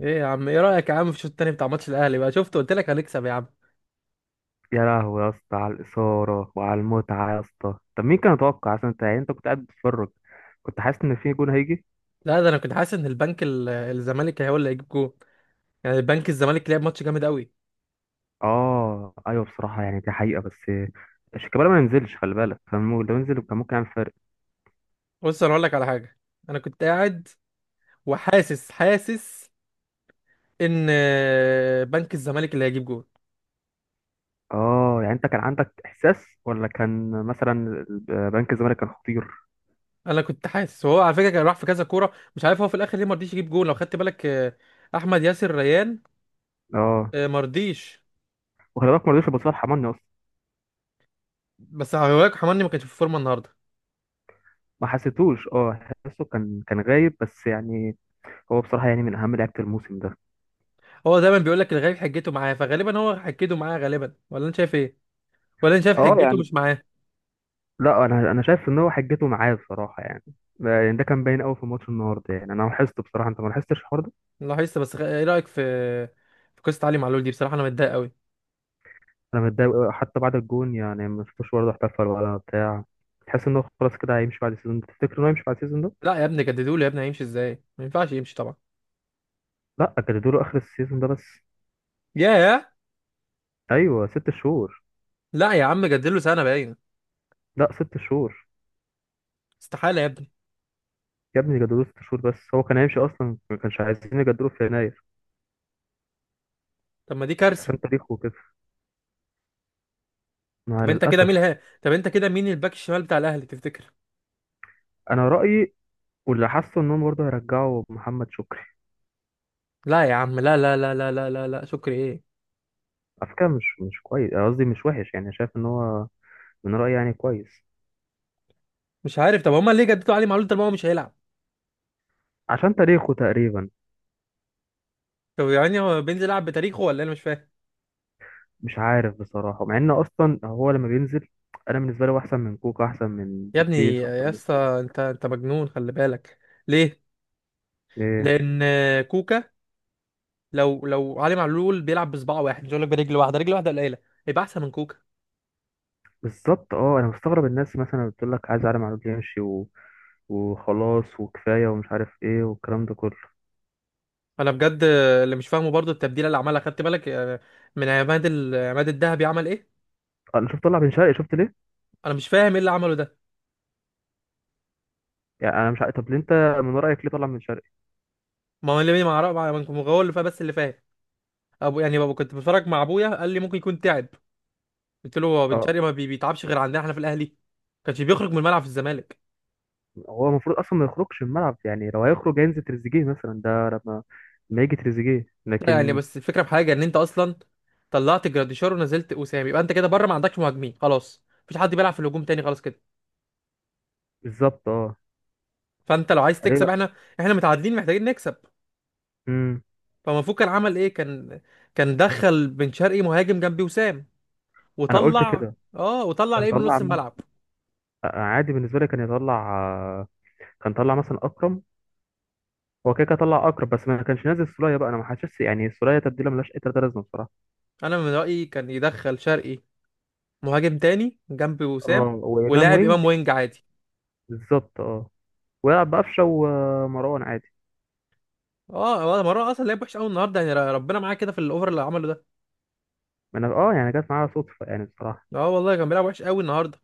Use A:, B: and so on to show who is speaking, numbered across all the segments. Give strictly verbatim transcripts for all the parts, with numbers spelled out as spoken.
A: ايه يا عم، ايه رايك يا عم في الشوط التاني بتاع ماتش الاهلي؟ بقى شفت، قلت لك هنكسب يا عم.
B: يا لهوي يا اسطى، على الإثارة وعلى المتعة يا اسطى. طب مين كان يتوقع أصلا؟ أنت يعني أنت كنت قاعد بتتفرج، كنت حاسس إن في جون هيجي؟
A: لا، ده انا كنت حاسس ان البنك ال- الزمالك هو اللي هيجيب جول. يعني البنك الزمالك لعب ماتش جامد قوي.
B: آه أيوه بصراحة، يعني دي حقيقة. بس شيكابالا ما ينزلش، خلي بالك، كان مو- لو ينزل كان ممكن يعمل فرق.
A: بص، انا اقول لك على حاجه. انا كنت قاعد وحاسس حاسس ان آه، بنك الزمالك اللي هيجيب جول.
B: آه، يعني أنت كان عندك إحساس، ولا كان مثلا بنك الزمالك كان خطير؟
A: انا كنت حاسس، وهو على فكره كان راح في كذا كوره، مش عارف هو في الاخر ليه ما رضيش يجيب جول لو خدت بالك، آه، احمد ياسر ريان.
B: آه،
A: آه، ما رضيش.
B: وخلي بالك ما رضيش يبص لحماني أصلا.
A: بس هقولك، حماني ما كانش في فورمه النهارده.
B: ما حسيتوش. اه، حسيته كان كان غايب بس يعني. هو بصراحة يعني من أهم لعيبة الموسم ده.
A: هو دايما بيقول لك الغريب حجته معاه، فغالبا هو حجته معاه غالبا، ولا انت شايف ايه؟ ولا انا شايف حجته
B: اه.
A: مش معاه؟
B: لا، انا انا شايف ان هو حجته معاه بصراحه يعني. يعني ده كان باين قوي في ماتش النهارده، يعني انا لاحظت بصراحه، انت ما لاحظتش الحوار ده؟
A: لاحظت، بس خ- ايه رايك في في قصه علي معلول دي؟ بصراحه انا متضايق قوي.
B: انا متضايق أوي، حتى بعد الجون يعني ما شفتوش برضه احتفل ولا بتاع. تحس انه خلاص كده هيمشي بعد السيزون ده؟ تفتكر انه هيمشي بعد السيزون ده؟
A: لا يا ابني، جددوا له يا ابني، هيمشي ازاي؟ ما ينفعش يمشي طبعا.
B: لا، جددوا له اخر السيزون ده بس.
A: ياه.
B: ايوه، ست شهور.
A: لا يا عم، جدد له سنه باين.
B: لا، ست شهور.
A: استحاله يا ابني.
B: يا ابني جددوا له ست شهور بس، هو كان هيمشي اصلا، ما كانش عايزين يجددوا في يناير.
A: طب ما دي
B: بس
A: كارثه.
B: عشان تاريخه وكده، مع
A: طب انت كده مين
B: للاسف.
A: ها طب انت كده مين الباك الشمال بتاع الاهلي تفتكر؟
B: انا رايي، واللي حاسه انهم برضه هيرجعوا محمد شكري.
A: لا يا عم، لا، لا، لا، لا، لا، لا، لا، شكري ايه؟
B: على فكرة مش مش كويس، أنا قصدي مش وحش، يعني شايف ان هو، من رأيي يعني كويس.
A: مش عارف. طب هما ليه جددوا علي معلول طالما هو مش هيلعب؟
B: عشان تاريخه تقريبا.
A: طب يعني هو بينزل يلعب بتاريخه ولا إيه؟ انا مش فاهم.
B: مش عارف بصراحة، مع ان اصلا هو لما بينزل، انا بالنسبة لي هو احسن من كوكا، احسن من
A: يا ابني
B: تبيس، احسن
A: يا
B: من.
A: اسطى، انت انت مجنون، خلي بالك. ليه؟
B: ايه؟
A: لان. كوكا. لو لو علي معلول بيلعب بصباع واحد، مش هقول لك برجل واحده، رجل واحده قليله. يبقى احسن من كوكا؟
B: بالظبط اه، انا مستغرب الناس مثلا بتقول لك عايز عالم معلول يمشي و... وخلاص وكفاية ومش عارف ايه والكلام ده كله.
A: انا بجد. اللي مش فاهمه برضو التبديله اللي عملها، خدت بالك؟ آه، من عماد ال- عماد الذهبي، عمل ايه؟
B: انا شفت طلع بن شرقي، شفت ليه؟
A: انا مش فاهم ايه اللي عمله ده.
B: يعني انا مش عارف، طب ليه انت، من رأيك ليه طلع بن شرقي؟
A: ما هو اللي ما اعرف، ما هو اللي فاهم، بس اللي فاهم. ابو يعني بابا، كنت بتفرج مع ابويا، قال لي ممكن يكون تعب. قلت له: هو بن
B: اه.
A: شرقي ما بي- بيتعبش غير عندنا احنا في الاهلي. كانش بيخرج من الملعب في الزمالك.
B: هو المفروض اصلا ما يخرجش من الملعب، يعني لو هيخرج هينزل تريزيجيه مثلا، ده لما ما يجي تريزيجيه
A: لا، يعني
B: لكن.
A: بس الفكره في حاجه ان انت اصلا، طلعت جراديشار ونزلت وسام، يبقى انت كده بره، ما عندكش مهاجمين، خلاص مفيش حد بيلعب في الهجوم تاني، خلاص كده.
B: بالظبط اه.
A: فانت لو عايز
B: فليه
A: تكسب،
B: بقى؟
A: احنا، احنا متعادلين محتاجين نكسب.
B: امم.
A: فمفروض كان عمل ايه؟ كان كان دخل بن شرقي مهاجم جنبي وسام،
B: انا قلت
A: وطلع.
B: كده.
A: اه، وطلع
B: كان
A: لعيب من
B: طلع
A: نص
B: م-
A: الملعب.
B: عادي بالنسبه لي كان يطلع آه، كان طلع مثلا اكرم. هو كده كده طلع اكرم، بس ما كانش نازل سولية بقى، انا ما حاسس يعني سولية تبديله ملهاش اي تلاته لازمه بصراحه.
A: انا من رأيي كان يدخل شرقي مهاجم تاني جنبي وسام،
B: اه، وامام
A: ولاعب امام
B: وينج.
A: وينج عادي.
B: بالظبط اه. ويلعب بقفشه ومروان عادي.
A: اه والله، مرة اصلا لعب وحش قوي النهارده، يعني ر- ربنا معاه كده في الاوفر اللي عمله ده.
B: ما انا اه، يعني جت معايا صدفه يعني بصراحه.
A: اه والله، كان بيلعب وحش قوي النهارده.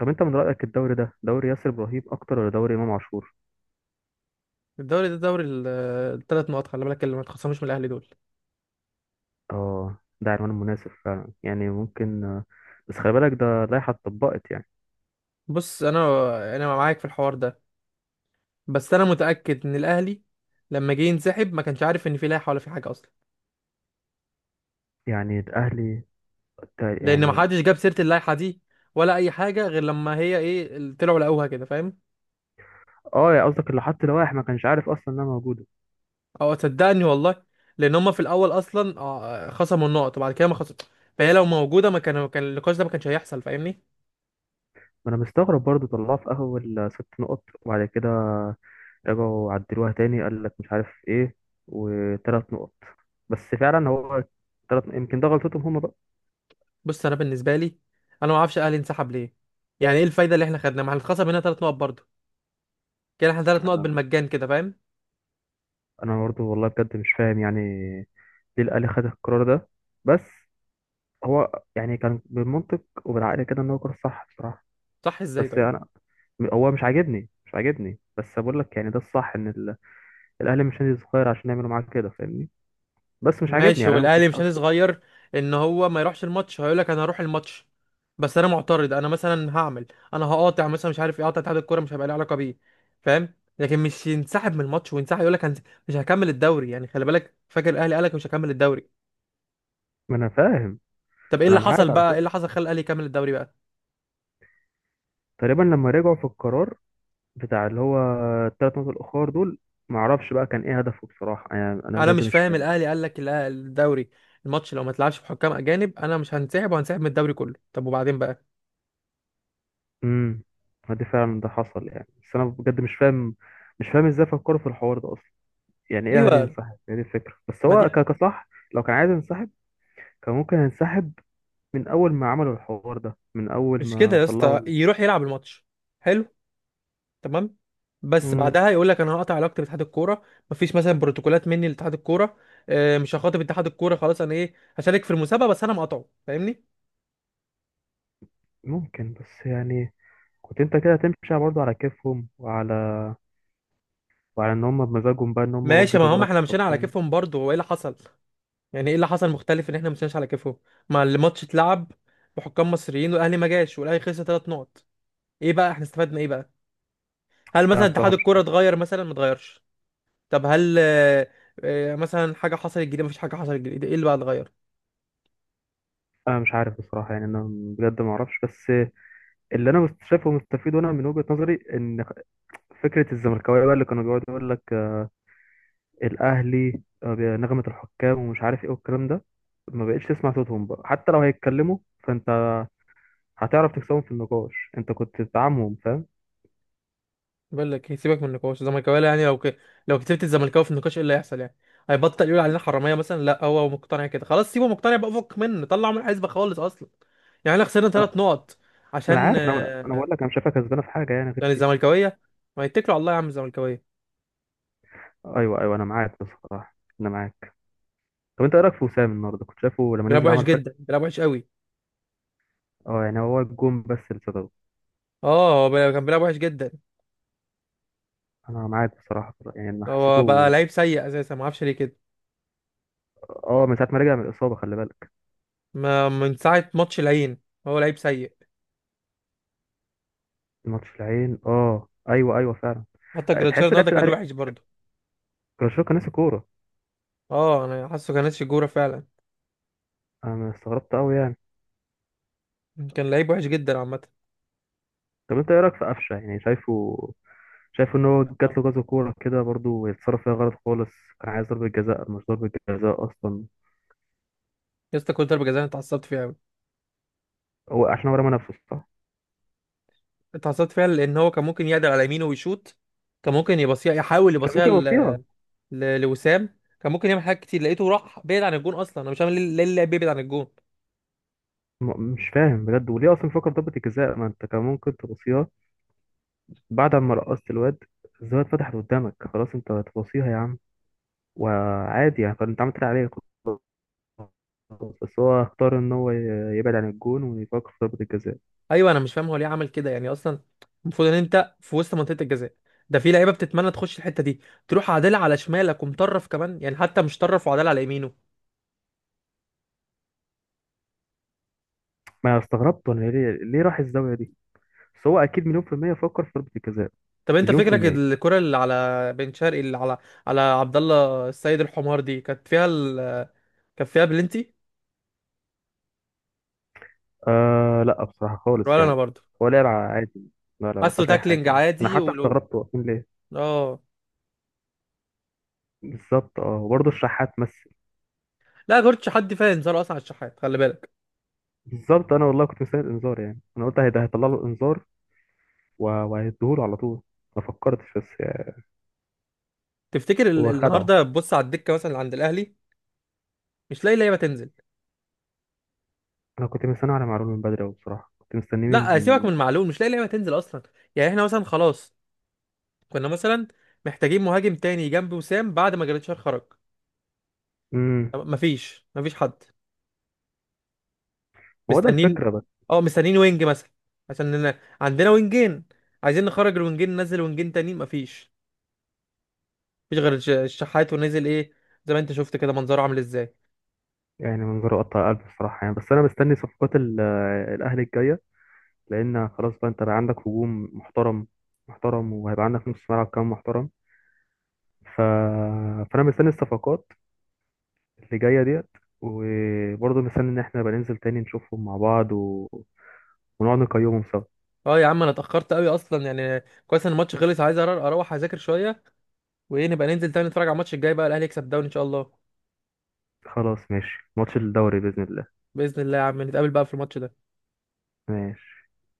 B: طب انت من رايك الدوري ده دوري ياسر ابراهيم اكتر، ولا دوري امام عاشور؟
A: الدوري ده دوري الثلاث نقط، خلي بالك، اللي ما تخصموش من الاهلي دول.
B: اه، ده عنوان مناسب فعلا يعني ممكن آه، بس خلي بالك ده لائحة اتطبقت يعني.
A: بص، انا انا معاك في الحوار ده. بس انا متاكد ان الاهلي لما جه ينسحب ما كانش عارف ان في لائحه ولا في حاجه اصلا.
B: يعني الأهلي، تا-
A: لان ما
B: يعني.
A: حدش جاب سيره اللائحه دي ولا اي حاجه، غير لما هي ايه ال- طلعوا لقوها كده، فاهم؟
B: اه، يا قصدك اللي حط لوائح ما كانش عارف أصلا إنها موجودة.
A: او صدقني والله. لان هم في الاول اصلا آه، خصموا النقط، وبعد كده ما خصم. فهي لو موجوده ما كان كان النقاش ده ما كانش هيحصل، فاهمني؟
B: ما أنا مستغرب برضه طلعوها في أول آه، ست نقط، وبعد كده رجعوا عدلوها تاني، قال لك مش عارف إيه، وتلات نقط. بس فعلا هو، تلات، يمكن ده غلطتهم هما بقى.
A: بص، انا بالنسبه لي، انا ما اعرفش الاهلي انسحب ليه. يعني ايه الفايده اللي احنا خدناها؟ ما احنا اتخصم هنا ثلاث نقط برضه. كده احنا ثلاث نقط
B: أنا
A: بالمجان كده، فاهم؟
B: أنا برضه والله بجد مش فاهم يعني، ليه الأهلي خد القرار ده؟ بس هو يعني كان بالمنطق وبالعقل كده إن هو قرار صح بصراحة.
A: صح ازاي
B: بس
A: طيب؟
B: انا، هو مش عاجبني، مش عاجبني بس بقول لك يعني ده الصح، ان ال- الاهلي مش نادي صغير عشان يعملوا معاك كده، فاهمني؟ بس مش عاجبني
A: ماشي،
B: يعني، انا ما
A: والاهلي
B: كنت
A: مش
B: عاوز
A: نادي
B: كده.
A: صغير. ان هو ما يروحش الماتش، هيقول لك انا هروح الماتش. بس انا معترض، انا مثلا هعمل، انا هقاطع مثلا، مش عارف ايه، اقاطع اتحاد الكوره، مش هيبقى لي علاقه بيه، فاهم؟ لكن مش ينسحب من الماتش وينسحب يقول لك مش هكمل الدوري، يعني خلي بالك فاكر الاهلي قال لك مش هكمل الدوري.
B: ما انا فاهم.
A: طب ايه
B: انا
A: اللي حصل
B: معاك على
A: بقى؟ ايه
B: فكره،
A: اللي حصل خلى الاهلي يكمل الدوري بقى؟
B: تقريبا لما رجعوا في القرار بتاع اللي هو الثلاث نقط الاخر دول، ما اعرفش بقى كان ايه هدفه بصراحه، يعني انا
A: انا
B: بجد
A: مش
B: مش
A: فاهم.
B: فاهم.
A: الاهلي قال لك الأه- الدوري الماتش لو ما تلعبش بحكام اجانب انا مش هنسحب، وهنسحب من الدوري كله. طب وبعدين بقى؟
B: امم، ما دي فعلا ده حصل يعني، بس انا بجد مش فاهم، مش فاهم ازاي فكروا في الحوار ده اصلا. يعني ايه اهلي
A: ايوه،
B: ينسحب؟ هي دي الفكره، بس
A: ما
B: هو
A: دي،
B: ك- كصح لو كان عايز ينسحب، كان ممكن ينسحب من اول ما عملوا الحوار ده، من اول
A: مش كده
B: ما
A: يا
B: طلعوا
A: اسطى،
B: ال...
A: يروح يلعب الماتش. حلو. تمام. بس
B: مم،
A: بعدها يقول لك انا هقطع علاقتي باتحاد الكوره. مفيش مثلا بروتوكولات مني لاتحاد الكوره. آه، مش هخاطب اتحاد الكوره خلاص، انا ايه هشارك في المسابقه بس انا مقاطعه، فاهمني؟
B: ممكن بس يعني، كنت انت كده تمشي برضه على كيفهم، وعلى، وعلى ان هم بمزاجهم بقى، ان هم
A: ماشي،
B: برضه
A: ما
B: جابوا
A: هم
B: لك
A: احنا مشينا على
B: حكام.
A: كيفهم برضه، هو ايه اللي حصل؟ يعني ايه اللي حصل مختلف ان احنا مشيناش على كيفهم؟ ما الماتش اتلعب بحكام مصريين، والاهلي ما جاش، والاهلي خسر ثلاث نقط. ايه بقى؟ احنا استفدنا ايه بقى؟ هل
B: لا
A: مثلا اتحاد
B: بصراحه مش
A: الكوره
B: عارف.
A: اتغير؟ مثلا ما اتغيرش. طب هل آه، آه، مثلا حاجه حصلت جديده؟ مفيش حاجه حصلت جديده، ايه اللي بقى اتغير؟
B: انا مش عارف بصراحه يعني، انا بجد ما اعرفش، بس اللي انا مست- شايفه مستفيد، وانا من وجهه نظري، ان فكره الزملكاويه بقى اللي كانوا بيقعدوا يقول لك آه، الاهلي آه، نغمه الحكام ومش عارف ايه والكلام ده، ما بقتش تسمع صوتهم بقى، حتى لو هيتكلموا فانت هتعرف تكسبهم في النقاش، انت كنت بتدعمهم، فاهم؟
A: بقول لك إيه، سيبك من النقاش الزملكاويه، يعني لو ك... لو كسبت الزملكاوي في النقاش ايه اللي هيحصل يعني؟ هيبطل يقول علينا حراميه مثلا؟ لا، هو مقتنع كده خلاص، سيبه مقتنع بقى، فك منه، طلعه من الحسبه خالص اصلا. يعني احنا خسرنا ثلاث نقط
B: ما انا
A: عشان
B: عارف، انا انا
A: آه،
B: بقول لك انا مش شايفها كسبانه في حاجه يعني غير
A: يعني
B: دي.
A: الزملكاويه. ما يتكلوا على الله يا عم الزملكاويه.
B: ايوه ايوه، انا معاك بصراحه، انا معاك. طب انت ايه رايك في وسام النهارده، كنت شايفه لما
A: بيلعب
B: نزل
A: وحش
B: عمل فرق؟
A: جدا، بيلعب وحش قوي.
B: اه، يعني هو الجون بس اللي صدره.
A: اه، هو بي- كان بيلعب وحش جدا.
B: انا معاك بصراحه يعني، انا
A: هو بقى
B: حسيته.
A: لعيب سيء اساسا، ما اعرفش ليه كده.
B: اه، من ساعه ما رجع من الاصابه، خلي بالك.
A: ما من ساعه ماتش العين. هو لعيب سيء.
B: الماتش العين، اه ايوه ايوه فعلا.
A: حتى جراتشار
B: تحس
A: النهارده
B: لعبت
A: كان
B: الاهلي،
A: وحش برضه.
B: كرشوكا كان ناسي كوره.
A: اه، انا حاسه كان ناسي الجوره فعلا.
B: انا استغربت قوي يعني.
A: كان لعيب وحش جدا عامه.
B: طب انت ايه رايك في قفشه؟ يعني شايفه، شايف ان هو جات له كذا كوره كده برضو يتصرف فيها غلط خالص. كان عايز ضربه جزاء، مش ضربه جزاء اصلا.
A: يا اسطى، كل ضربه جزاء أنا اتعصبت فيها قوي.
B: هو عشان هو رمى نفسه، صح.
A: اتعصبت فيها لان هو كان ممكن يقدر على يمينه ويشوط. كان ممكن يبصيها، يحاول
B: كان
A: يبصيها
B: ممكن
A: ل...
B: يوصيها.
A: ل... لوسام، كان ممكن يعمل حاجات كتير، لقيته راح بعيد عن الجون اصلا، انا مش فاهم ليه ليه اللاعب بيبعد عن الجون.
B: م- مش فاهم بجد. وليه اصلا فكر ضربة الجزاء؟ ما انت كان ممكن تبصيها بعد ما رقصت الواد، الزاوية اتفتحت قدامك، خلاص انت هتبصيها يا عم، وعادي يعني، كان انت عملت اللي عليك، خلاص. بس هو اختار ان هو ي- يبعد عن الجون ويفكر في ضربة الجزاء.
A: ايوه، انا مش فاهم هو ليه عمل كده يعني اصلا. المفروض ان انت في وسط منطقه الجزاء، ده في لعيبه بتتمنى تخش الحته دي. تروح عادله على شمالك ومطرف كمان، يعني حتى مش طرف وعادله على يمينه.
B: ما أنا استغربت، وانا ليه، ليه راح الزاوية دي. بس هو اكيد مليون في المية فكر في ضربة الجزاء.
A: طب انت
B: مليون في
A: فكرك
B: المية.
A: الكره اللي على بن شرقي، اللي على على عبد الله السيد الحمار دي، كانت فيها ال... كانت فيها بلنتي؟
B: آه لا بصراحة خالص
A: ولا انا
B: يعني.
A: برضه.
B: هو لعب عادي. لا لا، ما
A: حاسه
B: فيهاش أي حاجة
A: تاكلينج
B: يعني، أنا
A: عادي،
B: حتى
A: ولو.
B: استغربت واقفين ليه.
A: اه.
B: بالظبط اه، وبرضه الشحات مثل.
A: لا غيرتش حد فاهم؟ صار اصلا على الشحات، خلي بالك.
B: بالظبط، انا والله كنت مستني الانذار، يعني انا قلت هيدا هيطلع له انذار و- وهيديهوله على طول. ما فكرتش بس يعني.
A: تفتكر ال...
B: هو خدعه.
A: النهارده بص على الدكه مثلا اللي عند الاهلي. مش لاقي لعيبه تنزل.
B: انا كنت مستني على معلول من بدري أوي بصراحه، كنت مستنيه
A: لا سيبك
B: من.
A: من معلول، مش لاقي لعيبه تنزل اصلا. يعني احنا مثلا خلاص، كنا مثلا محتاجين مهاجم تاني جنب وسام بعد ما جريتشار خرج.
B: امم.
A: طب مفيش مفيش حد
B: ما هو ده
A: مستنين.
B: الفكره بس.
A: اه مستنين وينج مثلا، عشان إن- عندنا وينجين، عايزين نخرج الوينجين ننزل وينجين تانيين، مفيش. مفيش غير الش- الشحات، ونزل ايه؟ زي ما انت شفت كده منظره عامل ازاي.
B: يعني من غير قطع قلب بصراحه يعني. بس انا مستني صفقات ال- الاهلي الجايه، لان خلاص بقى انت بقى عندك هجوم محترم محترم، وهيبقى عندك نص ملعب كمان محترم، ف... فانا مستني الصفقات اللي جايه ديت. وبرضه مستني ان احنا نبقى ننزل تاني نشوفهم مع بعض، و... ونقعد نقيمهم سوا.
A: اه يا عم، انا اتاخرت قوي اصلا، يعني كويس ان الماتش خلص، عايز أر- اروح اذاكر شويه. وايه، نبقى ننزل تاني نتفرج على الماتش الجاي بقى، الاهلي يكسب الدوري ان شاء الله.
B: خلاص ماشي، ماتش الدوري بإذن الله.
A: باذن الله يا عم، نتقابل بقى في الماتش ده.
B: ماشي.